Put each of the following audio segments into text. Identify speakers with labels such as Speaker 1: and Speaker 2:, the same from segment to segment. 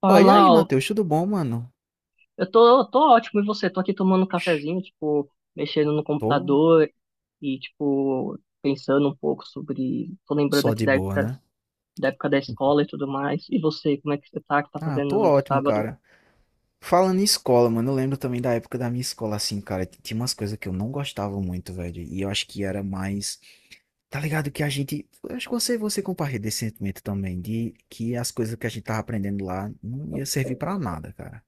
Speaker 1: Fala,
Speaker 2: e aí,
Speaker 1: Lau.
Speaker 2: Matheus, tudo bom, mano?
Speaker 1: Eu tô ótimo, e você? Tô aqui tomando um cafezinho, tipo, mexendo no
Speaker 2: Tô
Speaker 1: computador e, tipo, pensando um pouco Tô lembrando
Speaker 2: só
Speaker 1: aqui
Speaker 2: de
Speaker 1: da
Speaker 2: boa,
Speaker 1: época,
Speaker 2: né?
Speaker 1: da época da escola e tudo mais. E você, como é que você tá, que tá
Speaker 2: Ah,
Speaker 1: fazendo
Speaker 2: tô
Speaker 1: nesse
Speaker 2: ótimo,
Speaker 1: sábado?
Speaker 2: cara. Falando em escola, mano, eu lembro também da época da minha escola, assim, cara, tinha umas coisas que eu não gostava muito, velho, e eu acho que era mais, tá ligado, que a gente, eu acho que você, compartilha esse sentimento também, de que as coisas que a gente tava aprendendo lá não ia servir pra nada, cara.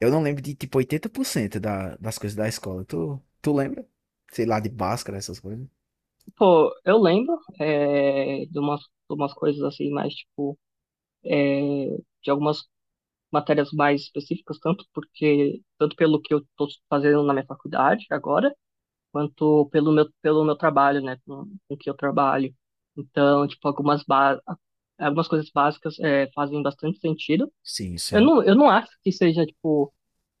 Speaker 2: Eu não lembro de, tipo, 80% da, das coisas da escola, tu lembra? Sei lá, de Bhaskara, essas coisas.
Speaker 1: Pô, eu lembro de umas coisas assim, mais, tipo, é, de algumas matérias mais específicas, tanto porque, tanto pelo que eu tô fazendo na minha faculdade agora, quanto pelo meu trabalho, né, com que eu trabalho. Então, tipo, algumas coisas básicas fazem bastante sentido.
Speaker 2: Sim, sim.
Speaker 1: Eu não acho que seja, tipo,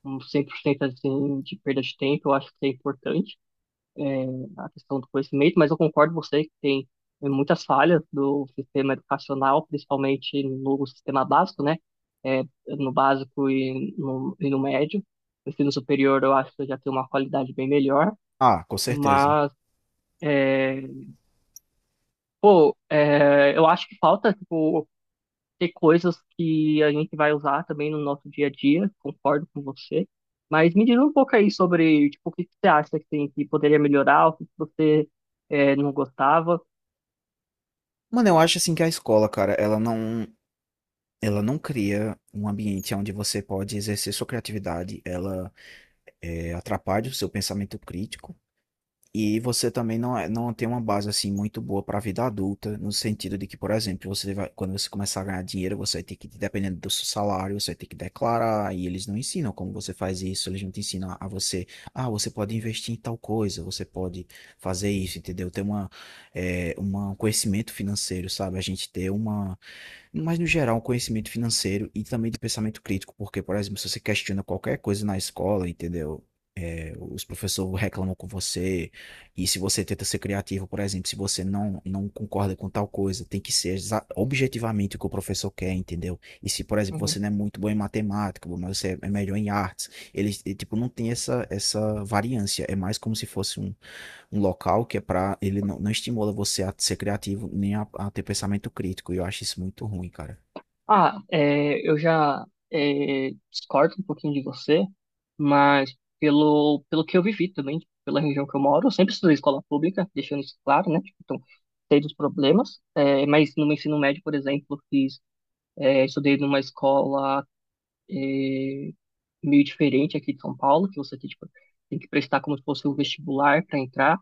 Speaker 1: um 100% assim, de perda de tempo, eu acho que é importante é, a questão do conhecimento, mas eu concordo com você que tem, muitas falhas do sistema educacional, principalmente no sistema básico, né? É, no básico e no médio. No ensino superior, eu acho que já tem uma qualidade bem melhor,
Speaker 2: Ah, com certeza.
Speaker 1: mas é, pô, eu acho que falta, tipo, ter coisas que a gente vai usar também no nosso dia a dia, concordo com você. Mas me diz um pouco aí sobre, tipo, o que que você acha que tem que poderia melhorar, o que que você não gostava.
Speaker 2: Mano, eu acho assim que a escola, cara, ela não cria um ambiente onde você pode exercer sua criatividade, ela atrapalha o seu pensamento crítico. E você também não, é, não tem uma base assim muito boa para a vida adulta, no sentido de que, por exemplo, você vai, quando você começar a ganhar dinheiro, você vai ter que, dependendo do seu salário, você vai ter que declarar, e eles não ensinam como você faz isso, eles não te ensinam a você, ah, você pode investir em tal coisa, você pode fazer isso, entendeu? Ter uma, é, um conhecimento financeiro, sabe? A gente ter uma, mas no geral, um conhecimento financeiro e também de pensamento crítico, porque, por exemplo, se você questiona qualquer coisa na escola, entendeu? Os professores reclamam com você. E se você tenta ser criativo, por exemplo, se você não, não concorda com tal coisa, tem que ser objetivamente o que o professor quer, entendeu? E se, por exemplo,
Speaker 1: Uhum.
Speaker 2: você não é muito bom em matemática, mas você é melhor em artes, ele, tipo, não tem essa, essa variância. É mais como se fosse um, um local que é para ele não estimula você a ser criativo nem a, a ter pensamento crítico. E eu acho isso muito ruim, cara.
Speaker 1: Ah, é, eu já discordo um pouquinho de você, mas pelo, pelo que eu vivi também, tipo, pela região que eu moro, eu sempre estudei em escola pública, deixando isso claro, né? Tipo, então, sei dos problemas, é, mas no meu ensino médio, por exemplo, eu fiz É, estudei numa escola é, meio diferente aqui de São Paulo, que você tem, tipo, tem que prestar como se fosse um vestibular para entrar.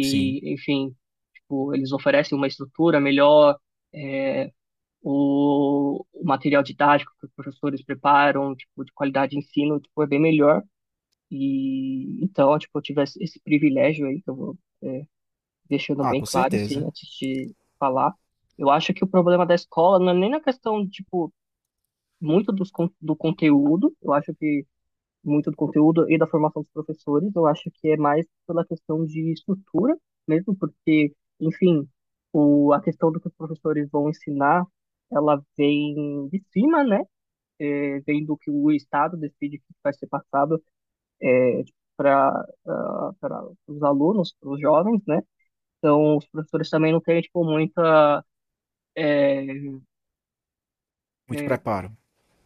Speaker 2: Sim.
Speaker 1: enfim, tipo, eles oferecem uma estrutura melhor, é, o material didático que os professores preparam, tipo, de qualidade de ensino, tipo, é bem melhor. E então, tipo, eu tive esse privilégio aí, que eu vou deixando
Speaker 2: Ah,
Speaker 1: bem
Speaker 2: com
Speaker 1: claro, assim,
Speaker 2: certeza.
Speaker 1: antes de falar. Eu acho que o problema da escola não é nem na questão, tipo, muito dos, do conteúdo, eu acho que muito do conteúdo e da formação dos professores, eu acho que é mais pela questão de estrutura mesmo, porque, enfim, o, a questão do que os professores vão ensinar, ela vem de cima, né? É, vem do que o Estado decide que vai ser passado para os alunos, para os jovens, né? Então, os professores também não têm, tipo, muita, é,
Speaker 2: Muito
Speaker 1: é,
Speaker 2: preparo.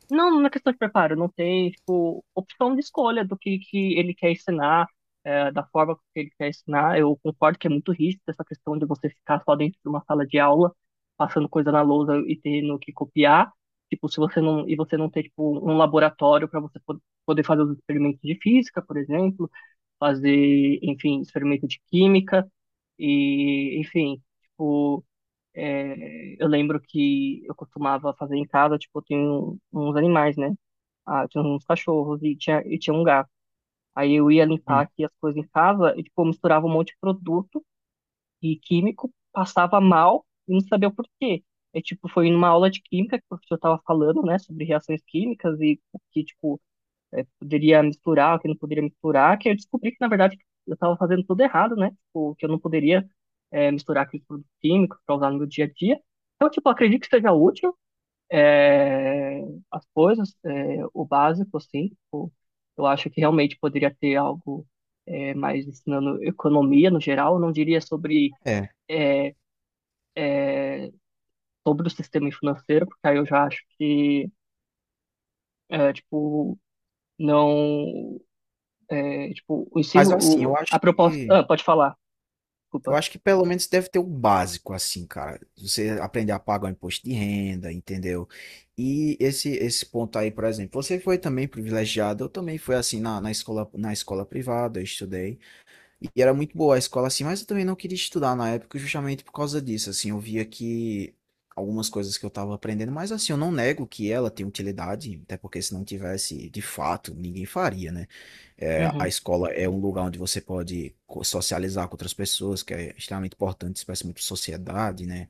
Speaker 1: não, não é questão de preparo, não tem, tipo, opção de escolha do que ele quer ensinar, é, da forma que ele quer ensinar. Eu concordo que é muito rígido essa questão de você ficar só dentro de uma sala de aula, passando coisa na lousa e tendo que copiar. Tipo, se você não, e você não ter, tipo, um laboratório para você poder fazer os experimentos de física, por exemplo, fazer, enfim, experimento de química, e, enfim, tipo. É, eu lembro que eu costumava fazer em casa, tipo, eu tenho uns animais, né? Ah, eu tinha uns cachorros e tinha um gato. Aí eu ia limpar
Speaker 2: Hum.
Speaker 1: aqui as coisas em casa e, tipo, eu misturava um monte de produto e químico, passava mal e não sabia o porquê. É, tipo, foi numa aula de química que o professor tava falando, né, sobre reações químicas e que, tipo, poderia misturar, o que não poderia misturar, que eu descobri que, na verdade, eu estava fazendo tudo errado, né? Tipo, que eu não poderia misturar aqueles produtos químicos para usar no meu dia a dia. Então, tipo, eu acredito que seja útil, é, as coisas, é, o básico, assim. Tipo, eu acho que realmente poderia ter algo, mais ensinando economia no geral. Eu não diria sobre,
Speaker 2: É.
Speaker 1: é, sobre o sistema financeiro, porque aí eu já acho que, tipo, não É, tipo, o
Speaker 2: Mas
Speaker 1: ensino,
Speaker 2: assim,
Speaker 1: o, a proposta. Ah, pode falar,
Speaker 2: eu
Speaker 1: desculpa.
Speaker 2: acho que pelo menos deve ter o básico, assim, cara. Você aprender a pagar o imposto de renda, entendeu? E esse ponto aí, por exemplo, você foi também privilegiado, eu também fui assim na, na escola privada, eu estudei. E era muito boa a escola assim, mas eu também não queria estudar na época justamente por causa disso, assim, eu via que algumas coisas que eu estava aprendendo, mas assim, eu não nego que ela tem utilidade, até porque se não tivesse, de fato, ninguém faria, né? É, a
Speaker 1: Uhum,
Speaker 2: escola é um lugar onde você pode socializar com outras pessoas, que é extremamente importante, isso faz muito sociedade, né?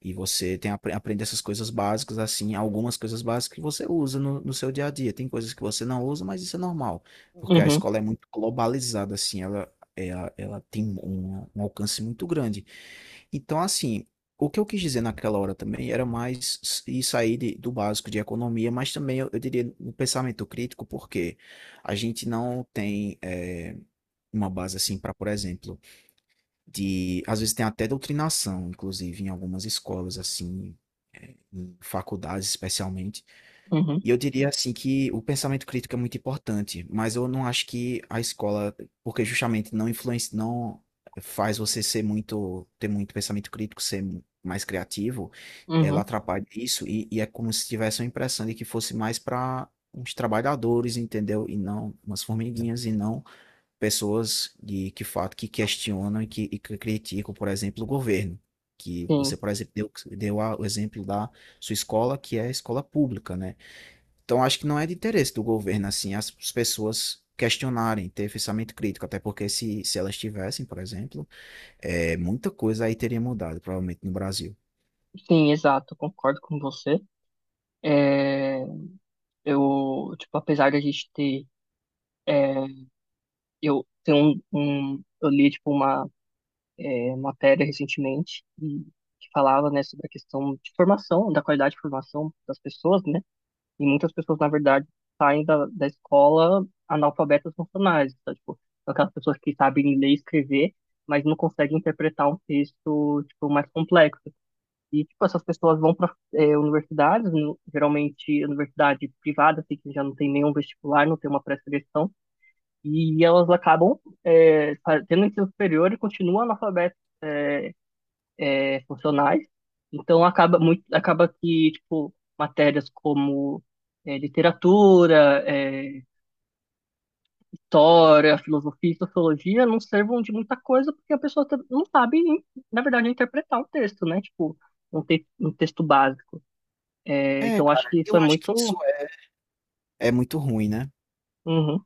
Speaker 2: E você tem aprende essas coisas básicas, assim, algumas coisas básicas que você usa no, no seu dia a dia. Tem coisas que você não usa, mas isso é normal, porque a
Speaker 1: uhum,
Speaker 2: escola é muito globalizada, assim, ela tem um, um alcance muito grande. Então, assim, o que eu quis dizer naquela hora também era mais s- ir sair do básico de economia, mas também eu diria no pensamento crítico, porque a gente não tem uma base assim para, por exemplo, de às vezes tem até doutrinação, inclusive em algumas escolas assim, eh, em faculdades especialmente.
Speaker 1: uhum,
Speaker 2: E eu diria assim que o pensamento crítico é muito importante, mas eu não acho que a escola, porque justamente não influencia, não faz você ser muito, ter muito pensamento crítico, ser mais criativo, ela
Speaker 1: uhum.
Speaker 2: atrapalha isso e é como se tivesse uma impressão de que fosse mais para uns trabalhadores, entendeu? E não umas formiguinhas e não pessoas de que fato que questionam e e que criticam, por exemplo, o governo. Que
Speaker 1: Sim,
Speaker 2: você, por exemplo, deu o exemplo da sua escola, que é a escola pública, né? Então, acho que não é de interesse do governo, assim, as pessoas questionarem, ter pensamento crítico, até porque se elas tivessem, por exemplo, é, muita coisa aí teria mudado, provavelmente, no Brasil.
Speaker 1: sim, exato, concordo com você. É, eu, tipo, apesar de a gente ter. Eu tenho um, eu li, tipo, uma, matéria recentemente e que falava, né, sobre a questão de formação, da qualidade de formação das pessoas, né? E muitas pessoas, na verdade, saem da, da escola analfabetas funcionais. Então, tipo, são aquelas pessoas que sabem ler e escrever, mas não conseguem interpretar um texto, tipo, mais complexo. E, tipo, essas pessoas vão para universidades, geralmente universidade privada, assim, que já não tem nenhum vestibular, não tem uma pré-seleção, e elas acabam, tendo ensino superior e continuam analfabetas, é, funcionais. Então acaba muito, acaba que tipo matérias como literatura, história, filosofia e sociologia não servam de muita coisa porque a pessoa não sabe, na verdade, interpretar o texto, né? Tipo, um, te um texto básico. É,
Speaker 2: É,
Speaker 1: então acho
Speaker 2: cara,
Speaker 1: que isso
Speaker 2: eu
Speaker 1: é
Speaker 2: acho que
Speaker 1: muito.
Speaker 2: isso é, é muito ruim, né?
Speaker 1: Uhum,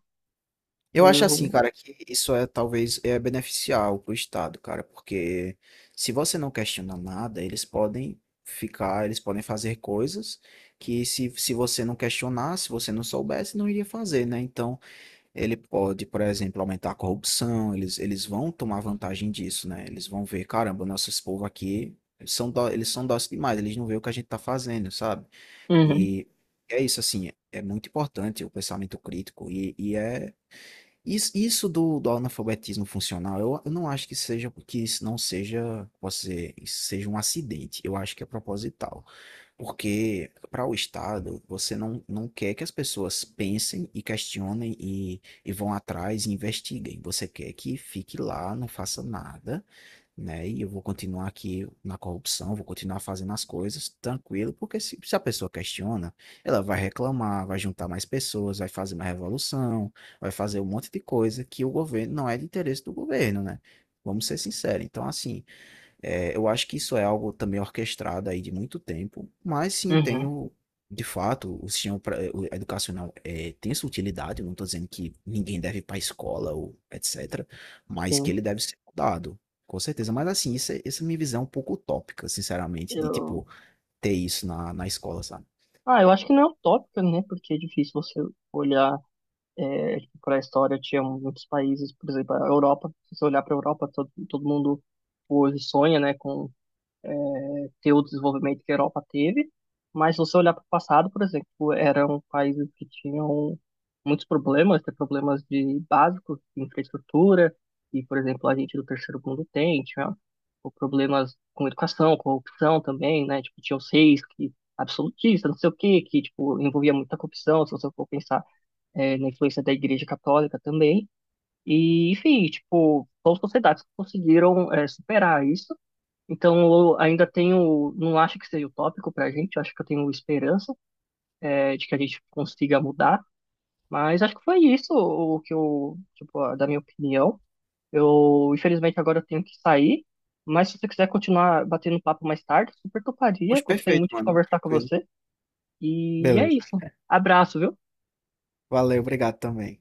Speaker 2: Eu acho assim,
Speaker 1: eu.
Speaker 2: cara, que isso talvez é beneficial pro Estado, cara, porque se você não questiona nada, eles podem ficar, eles podem fazer coisas que se você não questionar, se você não soubesse, não iria fazer, né? Então, ele pode, por exemplo, aumentar a corrupção, eles vão tomar vantagem disso, né? Eles vão ver, caramba, nossos povo aqui eles são dóceis demais, eles não veem o que a gente tá fazendo, sabe?
Speaker 1: Uhum,
Speaker 2: E é isso, assim, é muito importante o pensamento crítico e isso, do analfabetismo funcional, eu não acho que seja, que isso não seja, posso dizer, isso seja um acidente. Eu acho que é proposital. Porque para o Estado, você não, não quer que as pessoas pensem e questionem e vão atrás e investiguem. Você quer que fique lá, não faça nada, né? E eu vou continuar aqui na corrupção, vou continuar fazendo as coisas tranquilo, porque se a pessoa questiona, ela vai reclamar, vai juntar mais pessoas, vai fazer uma revolução, vai fazer um monte de coisa que o governo não é de interesse do governo, né? Vamos ser sinceros. Então, assim. É, eu acho que isso é algo também orquestrado aí de muito tempo, mas sim tem
Speaker 1: uhum,
Speaker 2: o, de fato, o sistema eh, o educacional é, tem sua utilidade, eu não estou dizendo que ninguém deve ir para a escola ou etc, mas que
Speaker 1: sim.
Speaker 2: ele deve ser mudado, com certeza. Mas assim, essa é a minha visão um pouco utópica, sinceramente, de
Speaker 1: Eu...
Speaker 2: tipo, ter isso na, na escola, sabe?
Speaker 1: Ah, eu acho que não é utópica, né? Porque é difícil você olhar É, para a história tinha muitos países, por exemplo, a Europa. Se você olhar para a Europa, todo, todo mundo hoje sonha, né, com, é, ter o desenvolvimento que a Europa teve, mas se você olhar para o passado, por exemplo, eram países que tinham muitos problemas, tem problemas de básicos, de infraestrutura, e, por exemplo, a gente do terceiro mundo tem, tinha o problemas com educação, corrupção também, né, tipo, tinha os reis que absolutistas, não sei o quê, que, tipo, envolvia muita corrupção, se você for pensar, na influência da Igreja Católica também. E, enfim, tipo, são sociedades que conseguiram, superar isso. Então, eu ainda tenho, não acho que seja utópico para a gente, acho que eu tenho esperança de que a gente consiga mudar. Mas acho que foi isso o que eu, tipo, da minha opinião. Eu, infelizmente, agora eu tenho que sair. Mas se você quiser continuar batendo papo mais tarde, super toparia.
Speaker 2: Pois
Speaker 1: Gostei
Speaker 2: perfeito,
Speaker 1: muito de
Speaker 2: mano,
Speaker 1: conversar com
Speaker 2: tranquilo.
Speaker 1: você. E é
Speaker 2: Beleza.
Speaker 1: isso. Abraço, viu?
Speaker 2: Valeu, obrigado também.